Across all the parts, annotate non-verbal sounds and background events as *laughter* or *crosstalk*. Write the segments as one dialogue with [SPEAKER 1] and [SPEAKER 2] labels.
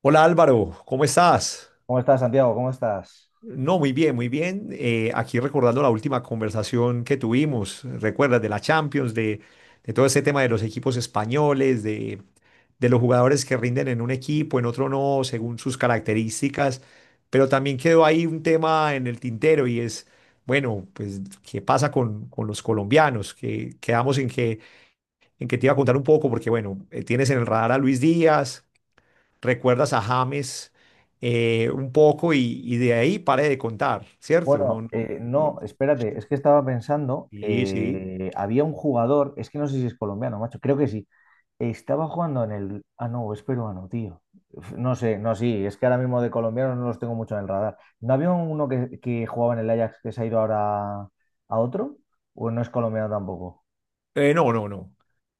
[SPEAKER 1] Hola Álvaro, ¿cómo estás?
[SPEAKER 2] ¿Cómo estás, Santiago? ¿Cómo estás?
[SPEAKER 1] No, muy bien, muy bien. Aquí recordando la última conversación que tuvimos, recuerdas de la Champions, de todo ese tema de los equipos españoles, de los jugadores que rinden en un equipo, en otro no, según sus características, pero también quedó ahí un tema en el tintero y es, bueno, pues, ¿qué pasa con los colombianos? Que quedamos en que te iba a contar un poco, porque bueno, tienes en el radar a Luis Díaz, recuerdas a James, un poco y de ahí pare de contar, ¿cierto? No,
[SPEAKER 2] Bueno,
[SPEAKER 1] no, no.
[SPEAKER 2] no, espérate, es que estaba pensando,
[SPEAKER 1] Sí, sí.
[SPEAKER 2] había un jugador, es que no sé si es colombiano, macho, creo que sí, estaba jugando en el. Ah, no, es peruano, tío. Uf, no sé, no, sí, es que ahora mismo de colombianos no los tengo mucho en el radar. ¿No había uno que jugaba en el Ajax que se ha ido ahora a otro? ¿O no es colombiano tampoco?
[SPEAKER 1] No, no, no.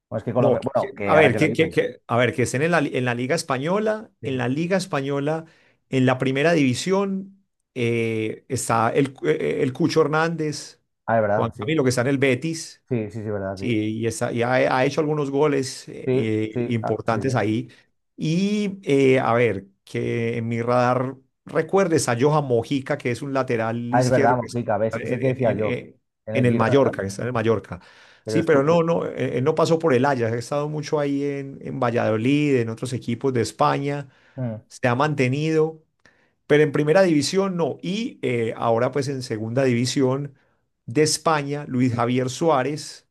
[SPEAKER 2] O es que
[SPEAKER 1] No,
[SPEAKER 2] Colombia. Bueno,
[SPEAKER 1] a
[SPEAKER 2] que ahora
[SPEAKER 1] ver,
[SPEAKER 2] que lo
[SPEAKER 1] que, que-
[SPEAKER 2] dices.
[SPEAKER 1] que- a ver, que estén en la, en la Liga Española, en
[SPEAKER 2] Sí.
[SPEAKER 1] la Liga Española, en la Primera División, está el, el Cucho Hernández,
[SPEAKER 2] Ah, es
[SPEAKER 1] Juan
[SPEAKER 2] verdad, sí.
[SPEAKER 1] Camilo, que está en el Betis.
[SPEAKER 2] Sí, sí, sí, verdad, sí.
[SPEAKER 1] Sí, y, está, ha hecho algunos goles
[SPEAKER 2] Sí, sí, ah, sí,
[SPEAKER 1] importantes
[SPEAKER 2] sí.
[SPEAKER 1] ahí. Y a ver, que en mi radar recuerdes a Johan Mojica, que es un lateral
[SPEAKER 2] Ah, es
[SPEAKER 1] izquierdo
[SPEAKER 2] verdad,
[SPEAKER 1] que está
[SPEAKER 2] Mojica, ves, es el que
[SPEAKER 1] en,
[SPEAKER 2] decía yo, en
[SPEAKER 1] en
[SPEAKER 2] el
[SPEAKER 1] el
[SPEAKER 2] Girona, ¿no?
[SPEAKER 1] Mallorca, que está en el Mallorca.
[SPEAKER 2] Pero
[SPEAKER 1] Sí,
[SPEAKER 2] es
[SPEAKER 1] pero
[SPEAKER 2] tú.
[SPEAKER 1] no, no, él no pasó por el Ajax, ha estado mucho ahí en Valladolid, en otros equipos de España,
[SPEAKER 2] Mm.
[SPEAKER 1] se ha mantenido, pero en primera división no. Y ahora pues en segunda división de España, Luis Javier Suárez,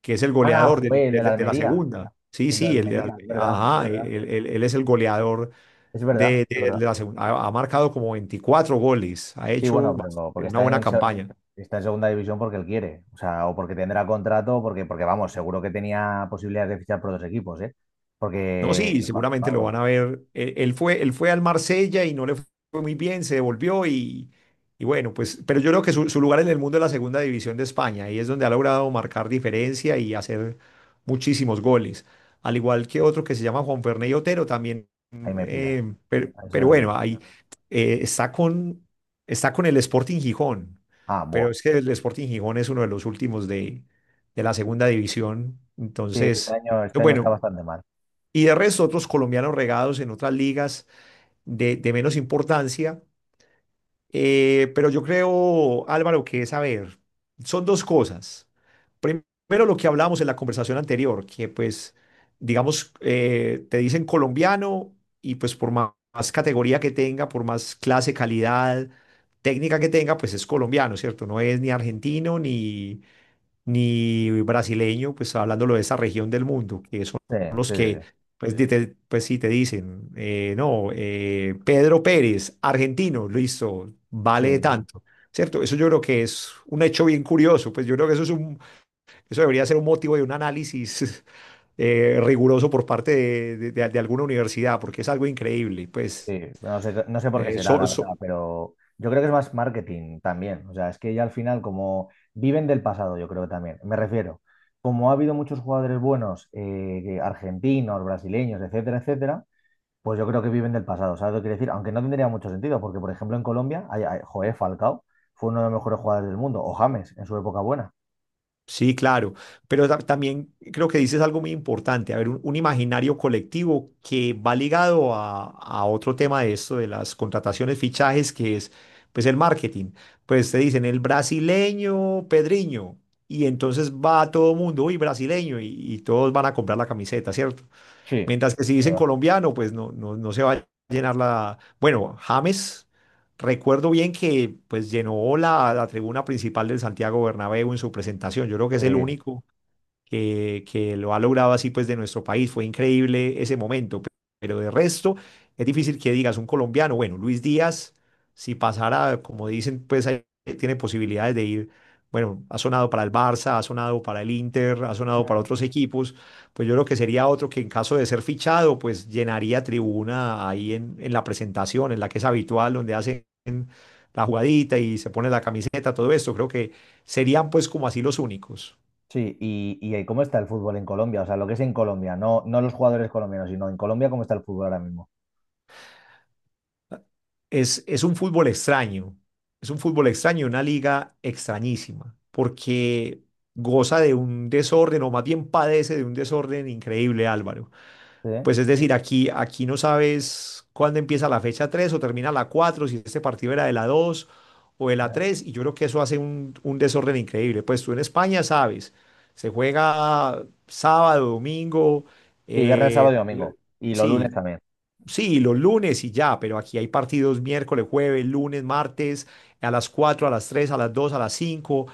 [SPEAKER 1] que es el
[SPEAKER 2] Ah,
[SPEAKER 1] goleador de la,
[SPEAKER 2] jugué el de la
[SPEAKER 1] de la
[SPEAKER 2] Almería,
[SPEAKER 1] segunda. Sí,
[SPEAKER 2] el de la
[SPEAKER 1] sí, el,
[SPEAKER 2] Almería, es verdad, es
[SPEAKER 1] ajá,
[SPEAKER 2] verdad,
[SPEAKER 1] él, él es el goleador
[SPEAKER 2] es verdad,
[SPEAKER 1] de,
[SPEAKER 2] es verdad.
[SPEAKER 1] de la segunda. Ha marcado como 24 goles, ha
[SPEAKER 2] Sí, bueno,
[SPEAKER 1] hecho
[SPEAKER 2] pero no, porque
[SPEAKER 1] una buena campaña.
[SPEAKER 2] está en segunda división porque él quiere, o sea, o porque tendrá contrato, o porque, porque vamos, seguro que tenía posibilidades de fichar por dos equipos, ¿eh?
[SPEAKER 1] No,
[SPEAKER 2] Porque,
[SPEAKER 1] sí, seguramente lo
[SPEAKER 2] vamos,
[SPEAKER 1] van a ver. Él, él fue al Marsella y no le fue muy bien, se devolvió y bueno, pues, pero yo creo que su lugar en el mundo es la segunda división de España y es donde ha logrado marcar diferencia y hacer muchísimos goles. Al igual que otro que se llama Juan Ferney Otero también.
[SPEAKER 2] ahí me pillas,
[SPEAKER 1] Eh,
[SPEAKER 2] ahí se
[SPEAKER 1] pero
[SPEAKER 2] no sé
[SPEAKER 1] bueno,
[SPEAKER 2] quién.
[SPEAKER 1] ahí eh, está con, está con el Sporting Gijón,
[SPEAKER 2] Ah,
[SPEAKER 1] pero
[SPEAKER 2] buah.
[SPEAKER 1] es que el Sporting Gijón es uno de los últimos de la segunda división.
[SPEAKER 2] Sí,
[SPEAKER 1] Entonces,
[SPEAKER 2] este año está
[SPEAKER 1] bueno,
[SPEAKER 2] bastante mal.
[SPEAKER 1] y de resto otros colombianos regados en otras ligas de menos importancia. Pero yo creo, Álvaro, que es, a ver, son dos cosas. Primero, lo que hablamos en la conversación anterior, que pues, digamos, te dicen colombiano y pues por más, más categoría que tenga, por más clase, calidad, técnica que tenga, pues es colombiano, ¿cierto? No es ni argentino, ni brasileño, pues hablándolo de esa región del mundo, que son
[SPEAKER 2] Sí,
[SPEAKER 1] los
[SPEAKER 2] sí, sí.
[SPEAKER 1] que, pues, pues sí te dicen, no, Pedro Pérez, argentino, listo,
[SPEAKER 2] Sí,
[SPEAKER 1] vale
[SPEAKER 2] sí.
[SPEAKER 1] tanto. ¿Cierto? Eso yo creo que es un hecho bien curioso, pues yo creo que eso es un, eso debería ser un motivo de un análisis *laughs* riguroso por parte de, de alguna universidad, porque es algo increíble, pues
[SPEAKER 2] Sí, no sé, no sé por qué
[SPEAKER 1] eh,
[SPEAKER 2] será,
[SPEAKER 1] so-
[SPEAKER 2] la verdad,
[SPEAKER 1] so-
[SPEAKER 2] pero yo creo que es más marketing también. O sea, es que ya al final, como viven del pasado, yo creo que también. Me refiero, como ha habido muchos jugadores buenos, argentinos, brasileños, etcétera, etcétera, pues yo creo que viven del pasado. ¿Sabes lo que quiero decir? Aunque no tendría mucho sentido, porque por ejemplo en Colombia, joder, Falcao fue uno de los mejores jugadores del mundo, o James en su época buena.
[SPEAKER 1] sí, claro, pero también creo que dices algo muy importante, a ver, un imaginario colectivo que va ligado a otro tema de esto, de las contrataciones, fichajes, que es pues el marketing. Pues te dicen el brasileño Pedriño y entonces va todo el mundo, uy, brasileño, y todos van a comprar la camiseta, ¿cierto?
[SPEAKER 2] Sí.
[SPEAKER 1] Mientras que si dicen
[SPEAKER 2] ¿Verdad?
[SPEAKER 1] colombiano, pues no, no, no se va a llenar la... Bueno, James, recuerdo bien que pues llenó la, la tribuna principal del Santiago Bernabéu en su presentación. Yo creo que es el único que lo ha logrado así pues de nuestro país. Fue increíble ese momento, pero de resto es difícil que digas un colombiano, bueno, Luis Díaz, si pasara, como dicen, pues ahí tiene posibilidades de ir. Bueno, ha sonado para el Barça, ha sonado para el Inter, ha
[SPEAKER 2] Sí.
[SPEAKER 1] sonado para otros equipos. Pues yo creo que sería otro que en caso de ser fichado, pues llenaría tribuna ahí en la presentación, en la que es habitual, donde hacen la jugadita y se pone la camiseta, todo esto. Creo que serían pues como así los únicos.
[SPEAKER 2] Sí, y ¿cómo está el fútbol en Colombia? O sea, lo que es en Colombia, no, no los jugadores colombianos, sino en Colombia, ¿cómo está el fútbol ahora mismo?
[SPEAKER 1] Es un fútbol extraño, es un fútbol extraño, una liga extrañísima, porque goza de un desorden, o más bien padece de un desorden increíble, Álvaro.
[SPEAKER 2] Sí,
[SPEAKER 1] Pues es decir, aquí no sabes cuándo empieza la fecha 3 o termina la cuatro, si este partido era de la 2 o de la tres, y yo creo que eso hace un desorden increíble. Pues tú en España sabes, se juega sábado, domingo,
[SPEAKER 2] sí, viernes,
[SPEAKER 1] eh,
[SPEAKER 2] sábado y domingo. Y los lunes
[SPEAKER 1] sí,
[SPEAKER 2] también.
[SPEAKER 1] sí, los lunes y ya, pero aquí hay partidos miércoles, jueves, lunes, martes, a las 4, a las 3, a las 2, a las 5.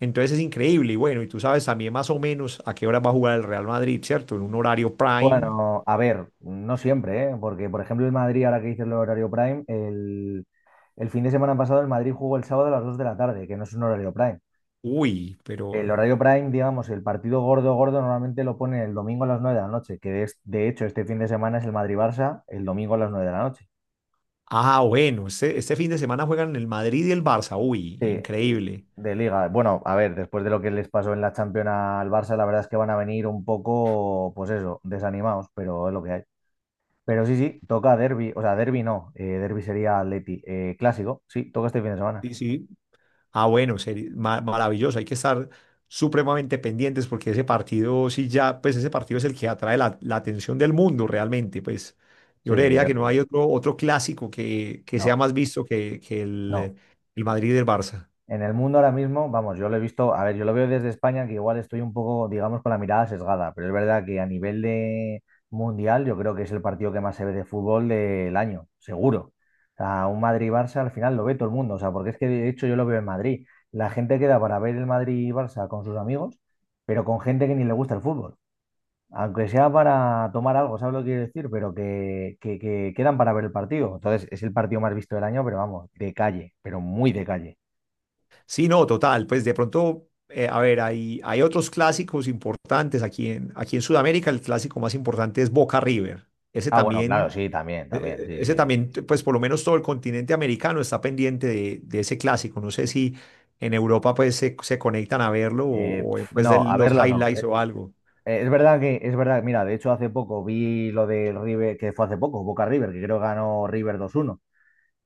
[SPEAKER 1] Entonces es increíble. Y bueno, y tú sabes también más o menos a qué hora va a jugar el Real Madrid, ¿cierto? En un horario prime.
[SPEAKER 2] Bueno, a ver, no siempre, ¿eh? Porque, por ejemplo, el Madrid, ahora que dices el horario prime, el fin de semana pasado el Madrid jugó el sábado a las 2 de la tarde, que no es un horario prime.
[SPEAKER 1] Uy, pero...
[SPEAKER 2] El horario prime, digamos, el partido gordo, gordo, normalmente lo pone el domingo a las 9 de la noche, que es, de hecho, este fin de semana es el Madrid-Barça, el domingo a las 9 de la noche.
[SPEAKER 1] Ah, bueno, este fin de semana juegan el Madrid y el Barça. Uy,
[SPEAKER 2] Sí,
[SPEAKER 1] increíble.
[SPEAKER 2] de liga. Bueno, a ver, después de lo que les pasó en la Champions al Barça, la verdad es que van a venir un poco, pues eso, desanimados, pero es lo que hay. Pero sí, sí, toca derbi o sea, derbi no, derby sería Atleti. Clásico, sí, toca este fin de semana.
[SPEAKER 1] Sí, sí. Ah, bueno, maravilloso. Hay que estar supremamente pendientes porque ese partido, sí, ya, pues ese partido es el que atrae la, la atención del mundo realmente. Pues
[SPEAKER 2] Sí,
[SPEAKER 1] yo creería que no hay otro, otro clásico que sea
[SPEAKER 2] no,
[SPEAKER 1] más visto que
[SPEAKER 2] no.
[SPEAKER 1] el Madrid del Barça.
[SPEAKER 2] En el mundo ahora mismo, vamos, yo lo he visto, a ver, yo lo veo desde España, que igual estoy un poco, digamos, con la mirada sesgada, pero es verdad que a nivel de mundial, yo creo que es el partido que más se ve de fútbol del año, seguro. O sea, un Madrid-Barça al final lo ve todo el mundo, o sea, porque es que de hecho yo lo veo en Madrid. La gente queda para ver el Madrid-Barça con sus amigos, pero con gente que ni le gusta el fútbol. Aunque sea para tomar algo, ¿sabes lo que quiero decir? Pero que quedan para ver el partido. Entonces, es el partido más visto del año, pero vamos, de calle, pero muy de calle.
[SPEAKER 1] Sí, no, total. Pues de pronto, a ver, hay otros clásicos importantes aquí en, aquí en Sudamérica. El clásico más importante es Boca River. Ese
[SPEAKER 2] Ah, bueno, claro,
[SPEAKER 1] también.
[SPEAKER 2] sí, también, también, sí,
[SPEAKER 1] Ese
[SPEAKER 2] sí. Sí.
[SPEAKER 1] también, pues por lo menos todo el continente americano está pendiente de ese clásico. No sé si en Europa pues se conectan a verlo
[SPEAKER 2] Eh,
[SPEAKER 1] o,
[SPEAKER 2] pf,
[SPEAKER 1] pues de
[SPEAKER 2] no, a
[SPEAKER 1] los
[SPEAKER 2] verlo no. Eh,
[SPEAKER 1] highlights o algo.
[SPEAKER 2] eh, es verdad que, es verdad, mira, de hecho hace poco vi lo del River, que fue hace poco, Boca River, que creo que ganó River 2-1.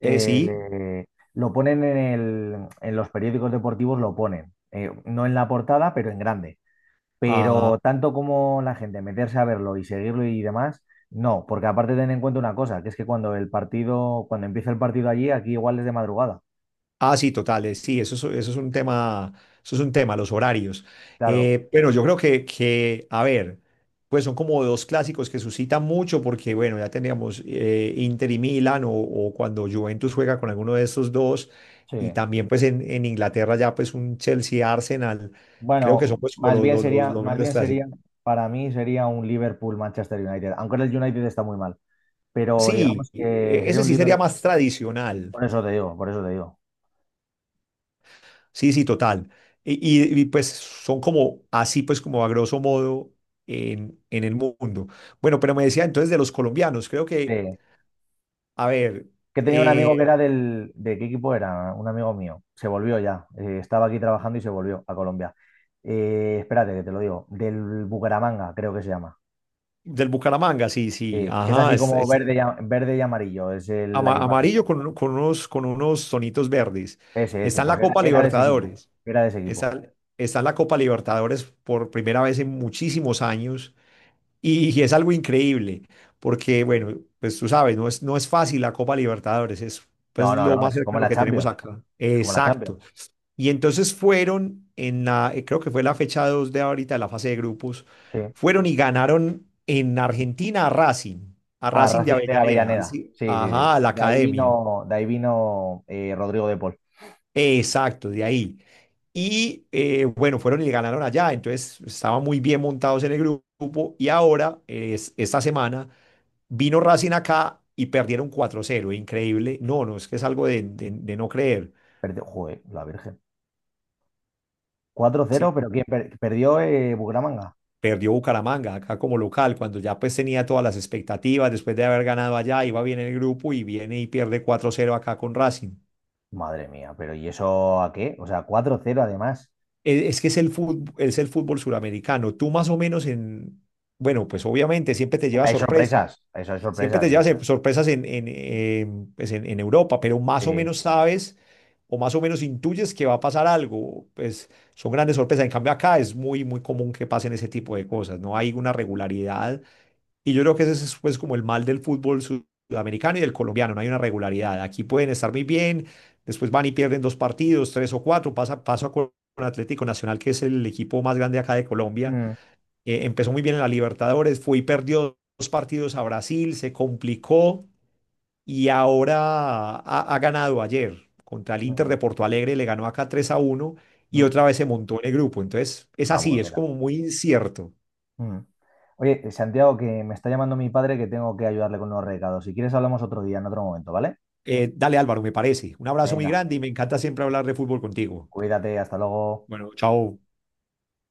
[SPEAKER 1] Sí.
[SPEAKER 2] lo ponen en el, en los periódicos deportivos, lo ponen. No en la portada, pero en grande. Pero
[SPEAKER 1] Ah,
[SPEAKER 2] tanto como la gente meterse a verlo y seguirlo y demás, no, porque aparte ten en cuenta una cosa, que es que cuando el partido, cuando empieza el partido allí, aquí igual es de madrugada.
[SPEAKER 1] ah, sí, totales, sí, eso es un tema, eso es un tema, los horarios.
[SPEAKER 2] Claro,
[SPEAKER 1] Bueno, yo creo que, a ver, pues son como dos clásicos que suscitan mucho porque, bueno, ya teníamos Inter y Milan o cuando Juventus juega con alguno de estos dos
[SPEAKER 2] sí.
[SPEAKER 1] y también pues en Inglaterra ya pues un Chelsea-Arsenal, creo que son
[SPEAKER 2] Bueno,
[SPEAKER 1] pues como los
[SPEAKER 2] más
[SPEAKER 1] grandes
[SPEAKER 2] bien sería,
[SPEAKER 1] clásicos.
[SPEAKER 2] para mí sería un Liverpool-Manchester United, aunque el United está muy mal, pero
[SPEAKER 1] Sí,
[SPEAKER 2] digamos que sería
[SPEAKER 1] ese
[SPEAKER 2] un
[SPEAKER 1] sí sería
[SPEAKER 2] Liverpool,
[SPEAKER 1] más tradicional.
[SPEAKER 2] por eso te digo, por eso te digo.
[SPEAKER 1] Sí, sí, total. Y, pues son como así, pues como a grosso modo en el mundo. Bueno, pero me decía entonces de los colombianos, creo que,
[SPEAKER 2] Sí.
[SPEAKER 1] a ver,
[SPEAKER 2] Que tenía un amigo que
[SPEAKER 1] eh,
[SPEAKER 2] era del, ¿de qué equipo era? Un amigo mío, se volvió ya, estaba aquí trabajando y se volvió a Colombia. Espérate, que te lo digo, del Bucaramanga, creo que se llama.
[SPEAKER 1] del Bucaramanga, sí, sí,
[SPEAKER 2] Sí, que es
[SPEAKER 1] ajá,
[SPEAKER 2] así como
[SPEAKER 1] es
[SPEAKER 2] verde y, verde y amarillo, es la equipación.
[SPEAKER 1] amarillo con, con unos tonitos verdes.
[SPEAKER 2] Ese,
[SPEAKER 1] Está en la
[SPEAKER 2] pues era,
[SPEAKER 1] Copa
[SPEAKER 2] era de ese equipo,
[SPEAKER 1] Libertadores,
[SPEAKER 2] era de ese equipo.
[SPEAKER 1] está, está en la Copa Libertadores por primera vez en muchísimos años. Y, es algo increíble, porque, bueno, pues tú sabes, no es, no es fácil la Copa Libertadores, es pues,
[SPEAKER 2] No, no,
[SPEAKER 1] lo
[SPEAKER 2] no,
[SPEAKER 1] más
[SPEAKER 2] es como
[SPEAKER 1] cercano
[SPEAKER 2] la
[SPEAKER 1] que tenemos
[SPEAKER 2] Champions,
[SPEAKER 1] acá.
[SPEAKER 2] es como la Champions.
[SPEAKER 1] Exacto. Y entonces fueron en la, creo que fue la fecha 2 de ahorita, de la fase de grupos,
[SPEAKER 2] Sí.
[SPEAKER 1] fueron y ganaron en Argentina a
[SPEAKER 2] Ah,
[SPEAKER 1] Racing de
[SPEAKER 2] Racing de
[SPEAKER 1] Avellaneda,
[SPEAKER 2] Avellaneda.
[SPEAKER 1] así,
[SPEAKER 2] Sí, sí, sí.
[SPEAKER 1] ajá, a la academia.
[SPEAKER 2] De ahí vino Rodrigo de Paul.
[SPEAKER 1] Exacto, de ahí. Y bueno, fueron y le ganaron allá, entonces estaban muy bien montados en el grupo y ahora, es, esta semana, vino Racing acá y perdieron 4-0, increíble. No, no, es que es algo de, de no creer.
[SPEAKER 2] Perdió, joder, la Virgen. cuatro
[SPEAKER 1] Sí,
[SPEAKER 2] cero pero ¿quién perdió Bucaramanga?
[SPEAKER 1] perdió Bucaramanga acá como local, cuando ya pues tenía todas las expectativas, después de haber ganado allá, iba bien en el grupo y viene y pierde 4-0 acá con Racing.
[SPEAKER 2] Madre mía, pero ¿y eso a qué? O sea, 4-0 además.
[SPEAKER 1] Es, que es el fútbol suramericano. Tú más o menos en, bueno, pues obviamente siempre te lleva
[SPEAKER 2] Hombre, hay
[SPEAKER 1] sorpresa.
[SPEAKER 2] sorpresas, eso hay
[SPEAKER 1] Siempre
[SPEAKER 2] sorpresas,
[SPEAKER 1] te
[SPEAKER 2] sí.
[SPEAKER 1] llevas sorpresas en, pues, en Europa, pero más o
[SPEAKER 2] Sí.
[SPEAKER 1] menos sabes o más o menos intuyes que va a pasar algo. Pues son grandes sorpresas. En cambio, acá es muy, muy común que pasen ese tipo de cosas. No hay una regularidad. Y yo creo que ese es pues, como el mal del fútbol sudamericano y del colombiano. No hay una regularidad. Aquí pueden estar muy bien, después van y pierden dos partidos, tres o cuatro. Pasa, paso con Atlético Nacional, que es el equipo más grande acá de Colombia,
[SPEAKER 2] Mm,
[SPEAKER 1] empezó muy bien en la Libertadores, fue y perdió dos partidos a Brasil, se complicó y ahora ha, ha ganado ayer contra el Inter de
[SPEAKER 2] mm,
[SPEAKER 1] Porto Alegre, le ganó acá 3-1 y
[SPEAKER 2] mm.
[SPEAKER 1] otra vez se montó en el grupo. Entonces, es
[SPEAKER 2] Ah,
[SPEAKER 1] así,
[SPEAKER 2] bueno,
[SPEAKER 1] es
[SPEAKER 2] mira.
[SPEAKER 1] como muy incierto.
[SPEAKER 2] Mm. Oye, Santiago, que me está llamando mi padre que tengo que ayudarle con unos recados. Si quieres, hablamos otro día, en otro momento, ¿vale?
[SPEAKER 1] Dale Álvaro, me parece. Un abrazo muy
[SPEAKER 2] Venga,
[SPEAKER 1] grande y me encanta siempre hablar de fútbol contigo.
[SPEAKER 2] cuídate, hasta luego.
[SPEAKER 1] Bueno, chao.